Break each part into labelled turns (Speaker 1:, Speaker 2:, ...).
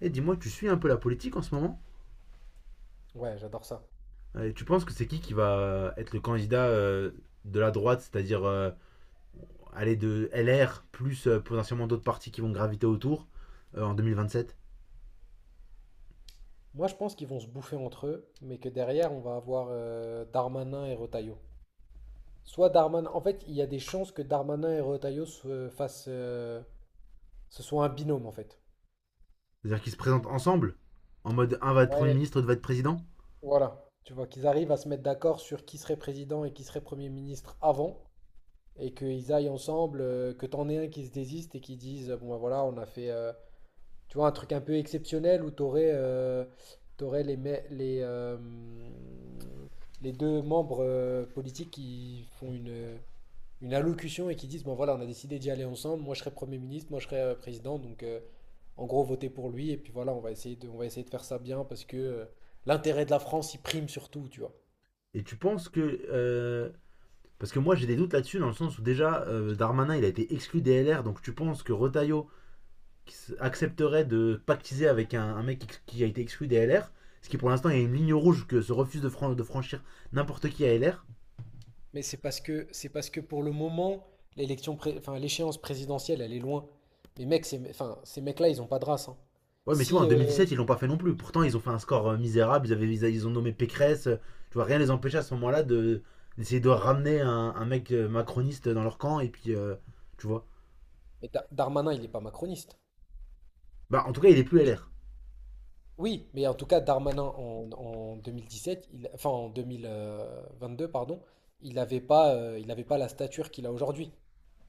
Speaker 1: Et dis-moi, tu suis un peu la politique en ce moment.
Speaker 2: Ouais, j'adore ça.
Speaker 1: Et tu penses que c'est qui va être le candidat de la droite, c'est-à-dire aller de LR plus potentiellement d'autres partis qui vont graviter autour en 2027?
Speaker 2: Moi, je pense qu'ils vont se bouffer entre eux, mais que derrière, on va avoir Darmanin et Retailleau. Soit Darmanin. En fait, il y a des chances que Darmanin et Retailleau se fassent, ce soit un binôme, en fait.
Speaker 1: C'est-à-dire qu'ils se présentent ensemble en mode un va être Premier
Speaker 2: Ouais,
Speaker 1: ministre, l'autre va être président?
Speaker 2: voilà. Tu vois, qu'ils arrivent à se mettre d'accord sur qui serait président et qui serait Premier ministre avant, et qu'ils aillent ensemble, que t'en aies un qui se désiste et qui dise, bon, ben voilà, on a fait. Tu vois, un truc un peu exceptionnel où tu aurais, les deux membres politiques qui font une allocution et qui disent, bon voilà, on a décidé d'y aller ensemble, moi je serai Premier ministre, moi je serai président, donc en gros votez pour lui, et puis voilà, on va essayer de faire ça bien parce que l'intérêt de la France, il prime surtout, tu vois.
Speaker 1: Et tu penses que parce que moi j'ai des doutes là-dessus, dans le sens où déjà Darmanin il a été exclu des LR, donc tu penses que Retailleau qui accepterait de pactiser avec un mec qui a été exclu des LR, ce qui pour l'instant est une ligne rouge que se refuse de de franchir n'importe qui à LR?
Speaker 2: Mais c'est parce que pour le moment, enfin l'échéance présidentielle, elle est loin. Mais mec, enfin, ces mecs-là, ils ont pas de race, hein.
Speaker 1: Ouais, mais tu vois, en
Speaker 2: Si,
Speaker 1: 2017, ils l'ont pas fait non plus. Pourtant, ils ont fait un score misérable, ils ont nommé Pécresse, tu vois, rien les empêchait à ce moment-là de, d'essayer de ramener un mec macroniste dans leur camp, et puis, tu vois.
Speaker 2: mais Darmanin, il n'est pas macroniste.
Speaker 1: Bah, en tout cas, il est plus
Speaker 2: Et je-
Speaker 1: LR.
Speaker 2: Oui, mais en tout cas, Darmanin en 2017, enfin en 2022, pardon, il n'avait pas, il avait pas la stature qu'il a aujourd'hui.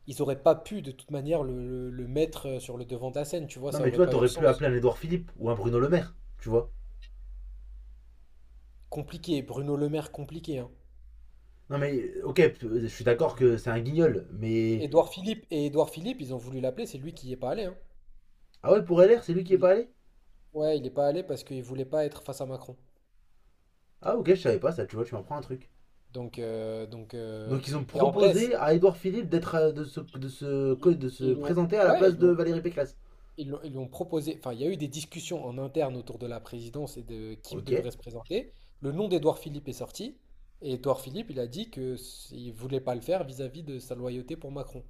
Speaker 2: Ils auraient pas pu de toute manière le mettre sur le devant de la scène, tu vois,
Speaker 1: Non,
Speaker 2: ça
Speaker 1: mais tu
Speaker 2: aurait
Speaker 1: vois,
Speaker 2: pas eu de
Speaker 1: t'aurais pu
Speaker 2: sens.
Speaker 1: appeler un Édouard Philippe ou un Bruno Le Maire, tu vois.
Speaker 2: Compliqué, Bruno Le Maire, compliqué, hein.
Speaker 1: Non, mais ok, je suis d'accord que c'est un guignol, mais.
Speaker 2: Édouard Philippe, ils ont voulu l'appeler, c'est lui qui y est pas allé, hein.
Speaker 1: Ah ouais, pour LR, c'est lui qui est
Speaker 2: Il-
Speaker 1: pas allé.
Speaker 2: Ouais, il n'est pas allé parce qu'il voulait pas être face à Macron.
Speaker 1: Ah ok, je savais pas ça, tu vois, tu m'apprends un truc.
Speaker 2: Donc,
Speaker 1: Donc ils ont
Speaker 2: et en vrai,
Speaker 1: proposé à Édouard Philippe d'être
Speaker 2: ils,
Speaker 1: de se
Speaker 2: ils lui ont,
Speaker 1: présenter à la
Speaker 2: ouais,
Speaker 1: place de Valérie Pécresse.
Speaker 2: ils lui ont proposé. Enfin, il y a eu des discussions en interne autour de la présidence et de qui
Speaker 1: Ok. Ouais,
Speaker 2: devrait se présenter. Le nom d'Édouard Philippe est sorti et Édouard Philippe, il a dit que il voulait pas le faire vis-à-vis de sa loyauté pour Macron.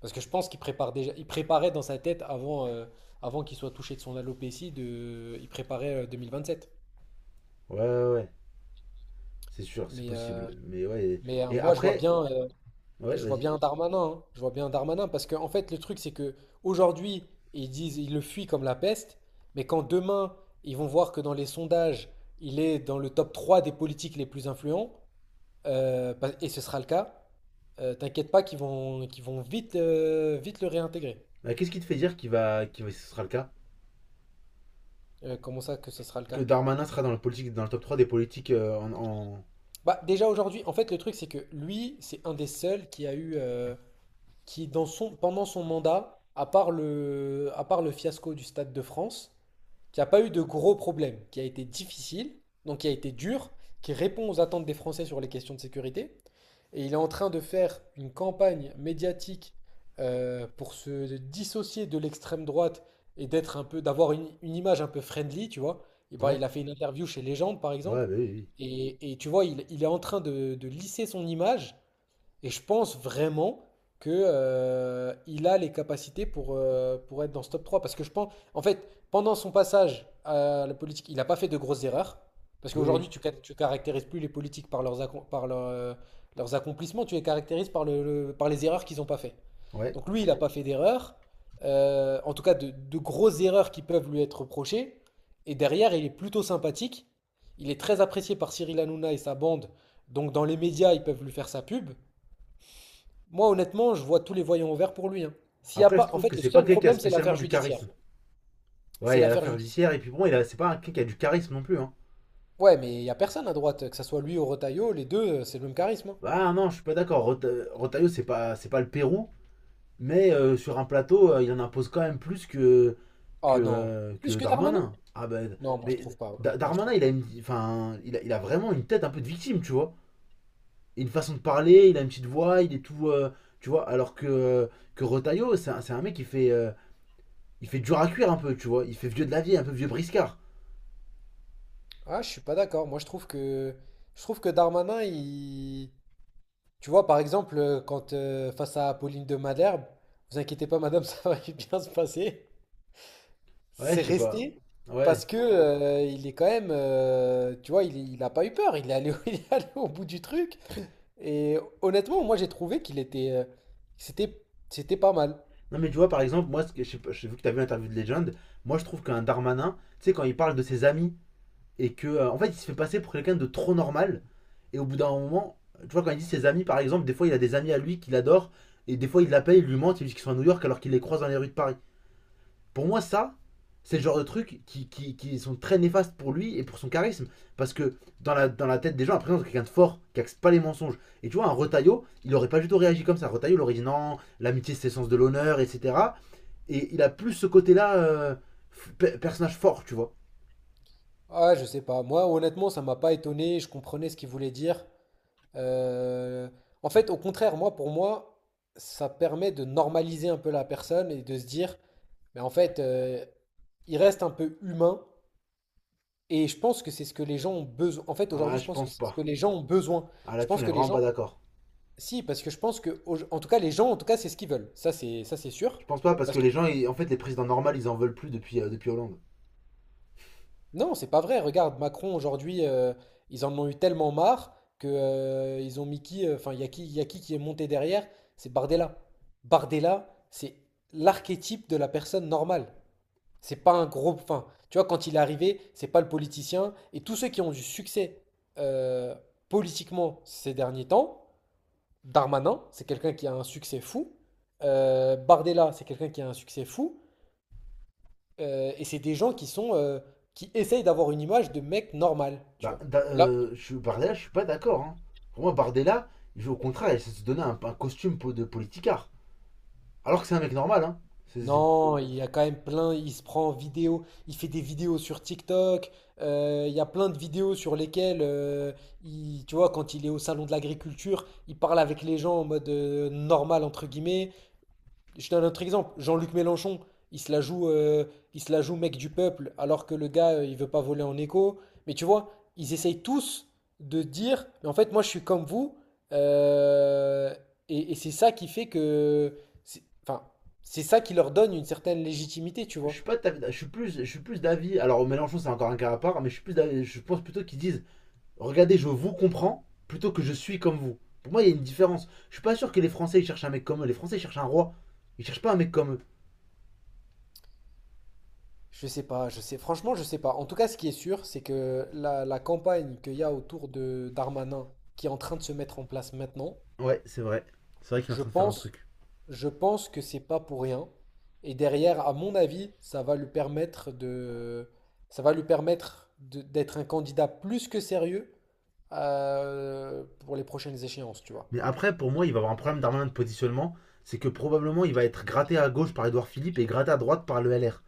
Speaker 2: Parce que je pense qu'il prépare déjà, il préparait dans sa tête avant, avant qu'il soit touché de son alopécie, il préparait 2027.
Speaker 1: ouais. C'est sûr, c'est
Speaker 2: Mais, euh,
Speaker 1: possible. Mais ouais.
Speaker 2: mais
Speaker 1: Et
Speaker 2: moi, je vois
Speaker 1: après,
Speaker 2: bien.
Speaker 1: ouais,
Speaker 2: Je vois
Speaker 1: vas-y.
Speaker 2: bien Darmanin, hein. Je vois bien Darmanin parce que en fait le truc c'est que aujourd'hui ils disent ils le fuient comme la peste, mais quand demain ils vont voir que dans les sondages il est dans le top 3 des politiques les plus influents, et ce sera le cas, t'inquiète pas qu'ils vont vite le réintégrer.
Speaker 1: Bah, qu'est-ce qui te fait dire qu'il va, ce sera le cas?
Speaker 2: Comment ça que ce sera le
Speaker 1: Que
Speaker 2: cas?
Speaker 1: Darmanin sera dans le politique, dans le top 3 des politiques
Speaker 2: Bah déjà aujourd'hui en fait le truc c'est que lui c'est un des seuls qui a eu qui dans son pendant son mandat à part le fiasco du Stade de France qui n'a pas eu de gros problèmes, qui a été difficile, donc qui a été dur, qui répond aux attentes des Français sur les questions de sécurité. Et il est en train de faire une campagne médiatique pour se dissocier de l'extrême droite et d'avoir une image un peu friendly, tu vois. Et ben,
Speaker 1: Ouais.
Speaker 2: il a fait une interview chez Légende, par
Speaker 1: Ouais,
Speaker 2: exemple.
Speaker 1: bah oui, oui.
Speaker 2: Et tu vois, il est en train de lisser son image et je pense vraiment que, il a les capacités pour être dans ce top 3. Parce que je pense, en fait, pendant son passage à la politique, il n'a pas fait de grosses erreurs. Parce
Speaker 1: Oui,
Speaker 2: qu'aujourd'hui, tu caractérises plus les politiques par leurs, accom- par leur, leurs accomplissements, tu les caractérises par les erreurs qu'ils n'ont pas fait.
Speaker 1: oui. Ouais.
Speaker 2: Donc lui, il n'a pas fait d'erreurs, en tout cas de grosses erreurs qui peuvent lui être reprochées. Et derrière, il est plutôt sympathique. Il est très apprécié par Cyril Hanouna et sa bande. Donc dans les médias, ils peuvent lui faire sa pub. Moi, honnêtement, je vois tous les voyants ouverts pour lui, hein. S'il y a
Speaker 1: Après, je
Speaker 2: pas, en
Speaker 1: trouve que
Speaker 2: fait, le
Speaker 1: c'est pas
Speaker 2: seul
Speaker 1: quelqu'un qui a
Speaker 2: problème, c'est l'affaire
Speaker 1: spécialement du
Speaker 2: judiciaire.
Speaker 1: charisme. Ouais, il
Speaker 2: C'est
Speaker 1: y a
Speaker 2: l'affaire
Speaker 1: l'affaire
Speaker 2: judiciaire.
Speaker 1: judiciaire, et puis bon, c'est pas un quelqu'un qui a du charisme non plus, hein.
Speaker 2: Ouais, mais il n'y a personne à droite, que ce soit lui ou Retailleau, les deux, c'est le même charisme, hein.
Speaker 1: Bah non, je suis pas d'accord. Rotaillot, c'est pas le Pérou. Mais sur un plateau, il en impose quand même plus
Speaker 2: Ah non,
Speaker 1: que
Speaker 2: plus que Darmanin?
Speaker 1: Darmanin. Ah ben,
Speaker 2: Non, moi je
Speaker 1: mais
Speaker 2: trouve pas. Honnêtement, je
Speaker 1: Darmanin,
Speaker 2: trouve pas.
Speaker 1: il a vraiment une tête un peu de victime, tu vois. Une façon de parler, il a une petite voix, il est tout. Tu vois, alors que Rotaillot, c'est un mec qui fait, il fait dur à cuire un peu, tu vois. Il fait vieux de la vie, un peu vieux briscard.
Speaker 2: Ah, je suis pas d'accord. Moi, je trouve que, Darmanin, tu vois, par exemple, quand face à Pauline de Malherbe, vous inquiétez pas, madame, ça va bien se passer.
Speaker 1: Ouais,
Speaker 2: C'est
Speaker 1: je sais pas.
Speaker 2: resté
Speaker 1: Ouais.
Speaker 2: parce que il est quand même, tu vois, il a pas eu peur, il est allé, il est allé au bout du truc. Et honnêtement, moi j'ai trouvé qu'il était, c'était, c'était pas mal.
Speaker 1: Non, mais tu vois, par exemple, moi, je sais pas, j'ai vu que t'as vu l'interview de Legend. Moi, je trouve qu'un Darmanin, tu sais, quand il parle de ses amis et que en fait il se fait passer pour quelqu'un de trop normal, et au bout d'un moment, tu vois, quand il dit ses amis, par exemple, des fois il a des amis à lui qu'il adore, et des fois il l'appelle, il lui ment, il dit qu'ils sont à New York alors qu'il les croise dans les rues de Paris. Pour moi, ça, c'est le genre de trucs qui sont très néfastes pour lui et pour son charisme. Parce que dans la tête des gens, après, c'est quelqu'un de fort, qui accepte pas les mensonges. Et tu vois, un Retaillot, il aurait pas du tout réagi comme ça. Retaillot, il aurait dit non, l'amitié, c'est le sens de l'honneur, etc. Et il a plus ce côté-là, personnage fort, tu vois.
Speaker 2: Ah, je sais pas. Moi, honnêtement, ça m'a pas étonné. Je comprenais ce qu'il voulait dire. Euh, En fait, au contraire, moi, pour moi, ça permet de normaliser un peu la personne et de se dire, mais en fait, il reste un peu humain. Et je pense que c'est ce que les gens ont besoin. En fait,
Speaker 1: Ah,
Speaker 2: aujourd'hui, je
Speaker 1: je
Speaker 2: pense que
Speaker 1: pense
Speaker 2: c'est ce
Speaker 1: pas.
Speaker 2: que les gens ont besoin.
Speaker 1: Ah
Speaker 2: Je
Speaker 1: là-dessus,
Speaker 2: pense
Speaker 1: on est
Speaker 2: que les
Speaker 1: vraiment pas
Speaker 2: gens,
Speaker 1: d'accord.
Speaker 2: si, parce que je pense que, en tout cas, les gens, en tout cas, c'est ce qu'ils veulent. Ça, c'est sûr.
Speaker 1: Je pense pas parce
Speaker 2: Parce
Speaker 1: que
Speaker 2: que
Speaker 1: les gens, en fait, les présidents normaux, ils en veulent plus depuis, depuis Hollande.
Speaker 2: non, c'est pas vrai. Regarde, Macron aujourd'hui, ils en ont eu tellement marre que ils ont mis qui, enfin, il y a qui est monté derrière? C'est Bardella. Bardella, c'est l'archétype de la personne normale. C'est pas un gros. Enfin, tu vois, quand il est arrivé, c'est pas le politicien. Et tous ceux qui ont du succès euh, politiquement ces derniers temps, Darmanin, c'est quelqu'un qui a un succès fou. Bardella, c'est quelqu'un qui a un succès fou. Et c'est des gens qui sont, qui essayent d'avoir une image de mec normal, tu
Speaker 1: Bah,
Speaker 2: vois. Là,
Speaker 1: Bardella, je suis pas d'accord, hein. Pour moi, Bardella, il veut au contraire, il s'est se donner un costume de politicard. Alors que c'est un mec normal. Hein. C'est- c'est-
Speaker 2: non, il y a quand même plein, il se prend en vidéo, il fait des vidéos sur TikTok, il y a plein de vidéos sur lesquelles, tu vois, quand il est au salon de l'agriculture, il parle avec les gens en mode normal, entre guillemets. Je donne un autre exemple. Jean-Luc Mélenchon, il se la joue, euh, il se la joue mec du peuple, alors que le gars, il veut pas voler en écho. Mais tu vois, ils essayent tous de dire, mais en fait, moi, je suis comme vous. euh, et c'est ça qui fait que, enfin, c'est ça qui leur donne une certaine légitimité, tu
Speaker 1: je
Speaker 2: vois.
Speaker 1: suis pas de ta- je suis plus d'avis. Alors Mélenchon, c'est encore un cas à part, mais je suis plus d'avis- je pense plutôt qu'ils disent, regardez, je vous comprends, plutôt que je suis comme vous. Pour moi, il y a une différence. Je suis pas sûr que les Français ils cherchent un mec comme eux. Les Français ils cherchent un roi. Ils cherchent pas un mec comme eux.
Speaker 2: Je sais pas, je sais, franchement, je sais pas. En tout cas, ce qui est sûr, c'est que la campagne qu'il y a autour de Darmanin, qui est en train de se mettre en place maintenant,
Speaker 1: Ouais, c'est vrai. C'est vrai qu'il est en
Speaker 2: je
Speaker 1: train de faire un
Speaker 2: pense
Speaker 1: truc.
Speaker 2: Je pense que c'est pas pour rien. Et derrière, à mon avis, ça va lui permettre de- d'être un candidat plus que sérieux pour les prochaines échéances, tu vois.
Speaker 1: Mais après, pour moi, il va avoir un problème d'armement de positionnement. C'est que probablement, il va être gratté à gauche par Edouard Philippe et gratté à droite par le LR.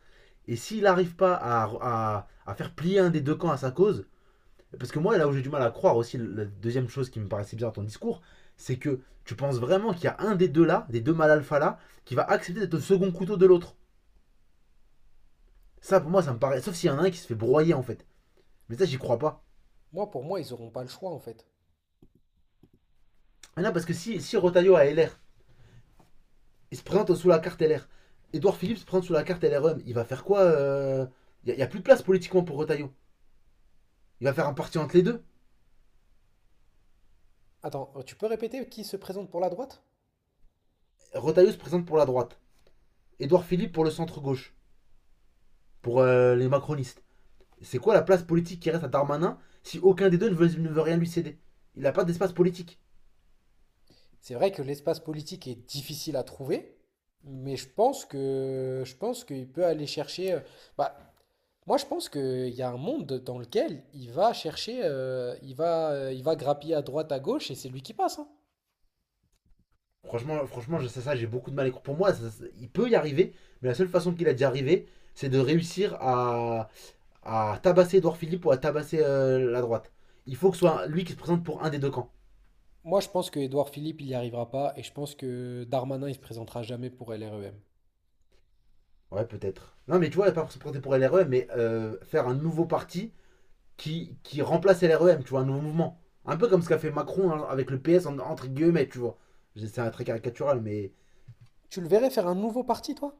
Speaker 1: Et s'il n'arrive pas à faire plier un des deux camps à sa cause, parce que moi, là où j'ai du mal à croire aussi, la deuxième chose qui me paraissait bizarre dans ton discours, c'est que tu penses vraiment qu'il y a un des deux là, des deux mal alpha là, qui va accepter d'être le second couteau de l'autre. Ça, pour moi, ça me paraît. Sauf s'il y en a un qui se fait broyer en fait. Mais ça, j'y crois pas.
Speaker 2: Moi, pour moi, ils n'auront pas le choix, en fait.
Speaker 1: Mais non, parce que si, si Rotaillot a LR, il se présente sous la carte LR. Edouard Philippe se présente sous la carte LRM. Il va faire quoi Il n'y a plus de place politiquement pour Retailleau. Il va faire un parti entre les deux.
Speaker 2: Attends, tu peux répéter qui se présente pour la droite?
Speaker 1: Retailleau se présente pour la droite. Edouard Philippe pour le centre-gauche. Pour les macronistes. C'est quoi la place politique qui reste à Darmanin si aucun des deux ne veut, ne veut rien lui céder? Il n'a pas d'espace politique.
Speaker 2: C'est vrai que l'espace politique est difficile à trouver, mais je pense qu'il peut aller chercher. Bah, moi, je pense qu'il y a un monde dans lequel il va chercher, il va grappiller à droite, à gauche, et c'est lui qui passe, hein.
Speaker 1: Franchement, franchement j'ai beaucoup de mal à croire. Pour moi, ça, il peut y arriver, mais la seule façon qu'il a d'y arriver, c'est de réussir à tabasser Edouard Philippe ou à tabasser la droite. Il faut que ce soit lui qui se présente pour un des deux camps.
Speaker 2: Moi, je pense que Édouard Philippe, il n'y arrivera pas, et je pense que Darmanin, il se présentera jamais pour LREM.
Speaker 1: Ouais, peut-être. Non, mais tu vois, pas pour se présenter pour LREM, mais faire un nouveau parti qui remplace LREM, tu vois, un nouveau mouvement. Un peu comme ce qu'a fait Macron, hein, avec le PS, entre guillemets, tu vois. C'est très caricatural, mais.
Speaker 2: Tu le verrais faire un nouveau parti, toi?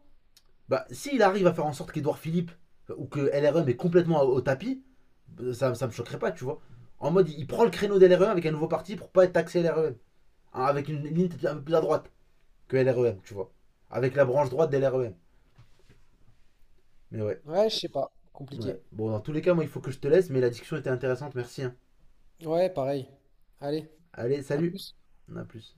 Speaker 1: Bah, s'il arrive à faire en sorte qu'Edouard Philippe ou que LREM est complètement au tapis, bah, ça me choquerait pas, tu vois. En mode, il prend le créneau de d'LREM avec un nouveau parti pour pas être taxé LREM. Hein, avec une ligne un peu plus à droite que LREM, tu vois. Avec la branche droite de d'LREM. Mais ouais,
Speaker 2: Ouais, je sais pas, compliqué.
Speaker 1: ouais. Bon, dans tous les cas, moi, il faut que je te laisse, mais la discussion était intéressante, merci, hein.
Speaker 2: Ouais, pareil. Allez,
Speaker 1: Allez,
Speaker 2: à
Speaker 1: salut,
Speaker 2: plus.
Speaker 1: à plus.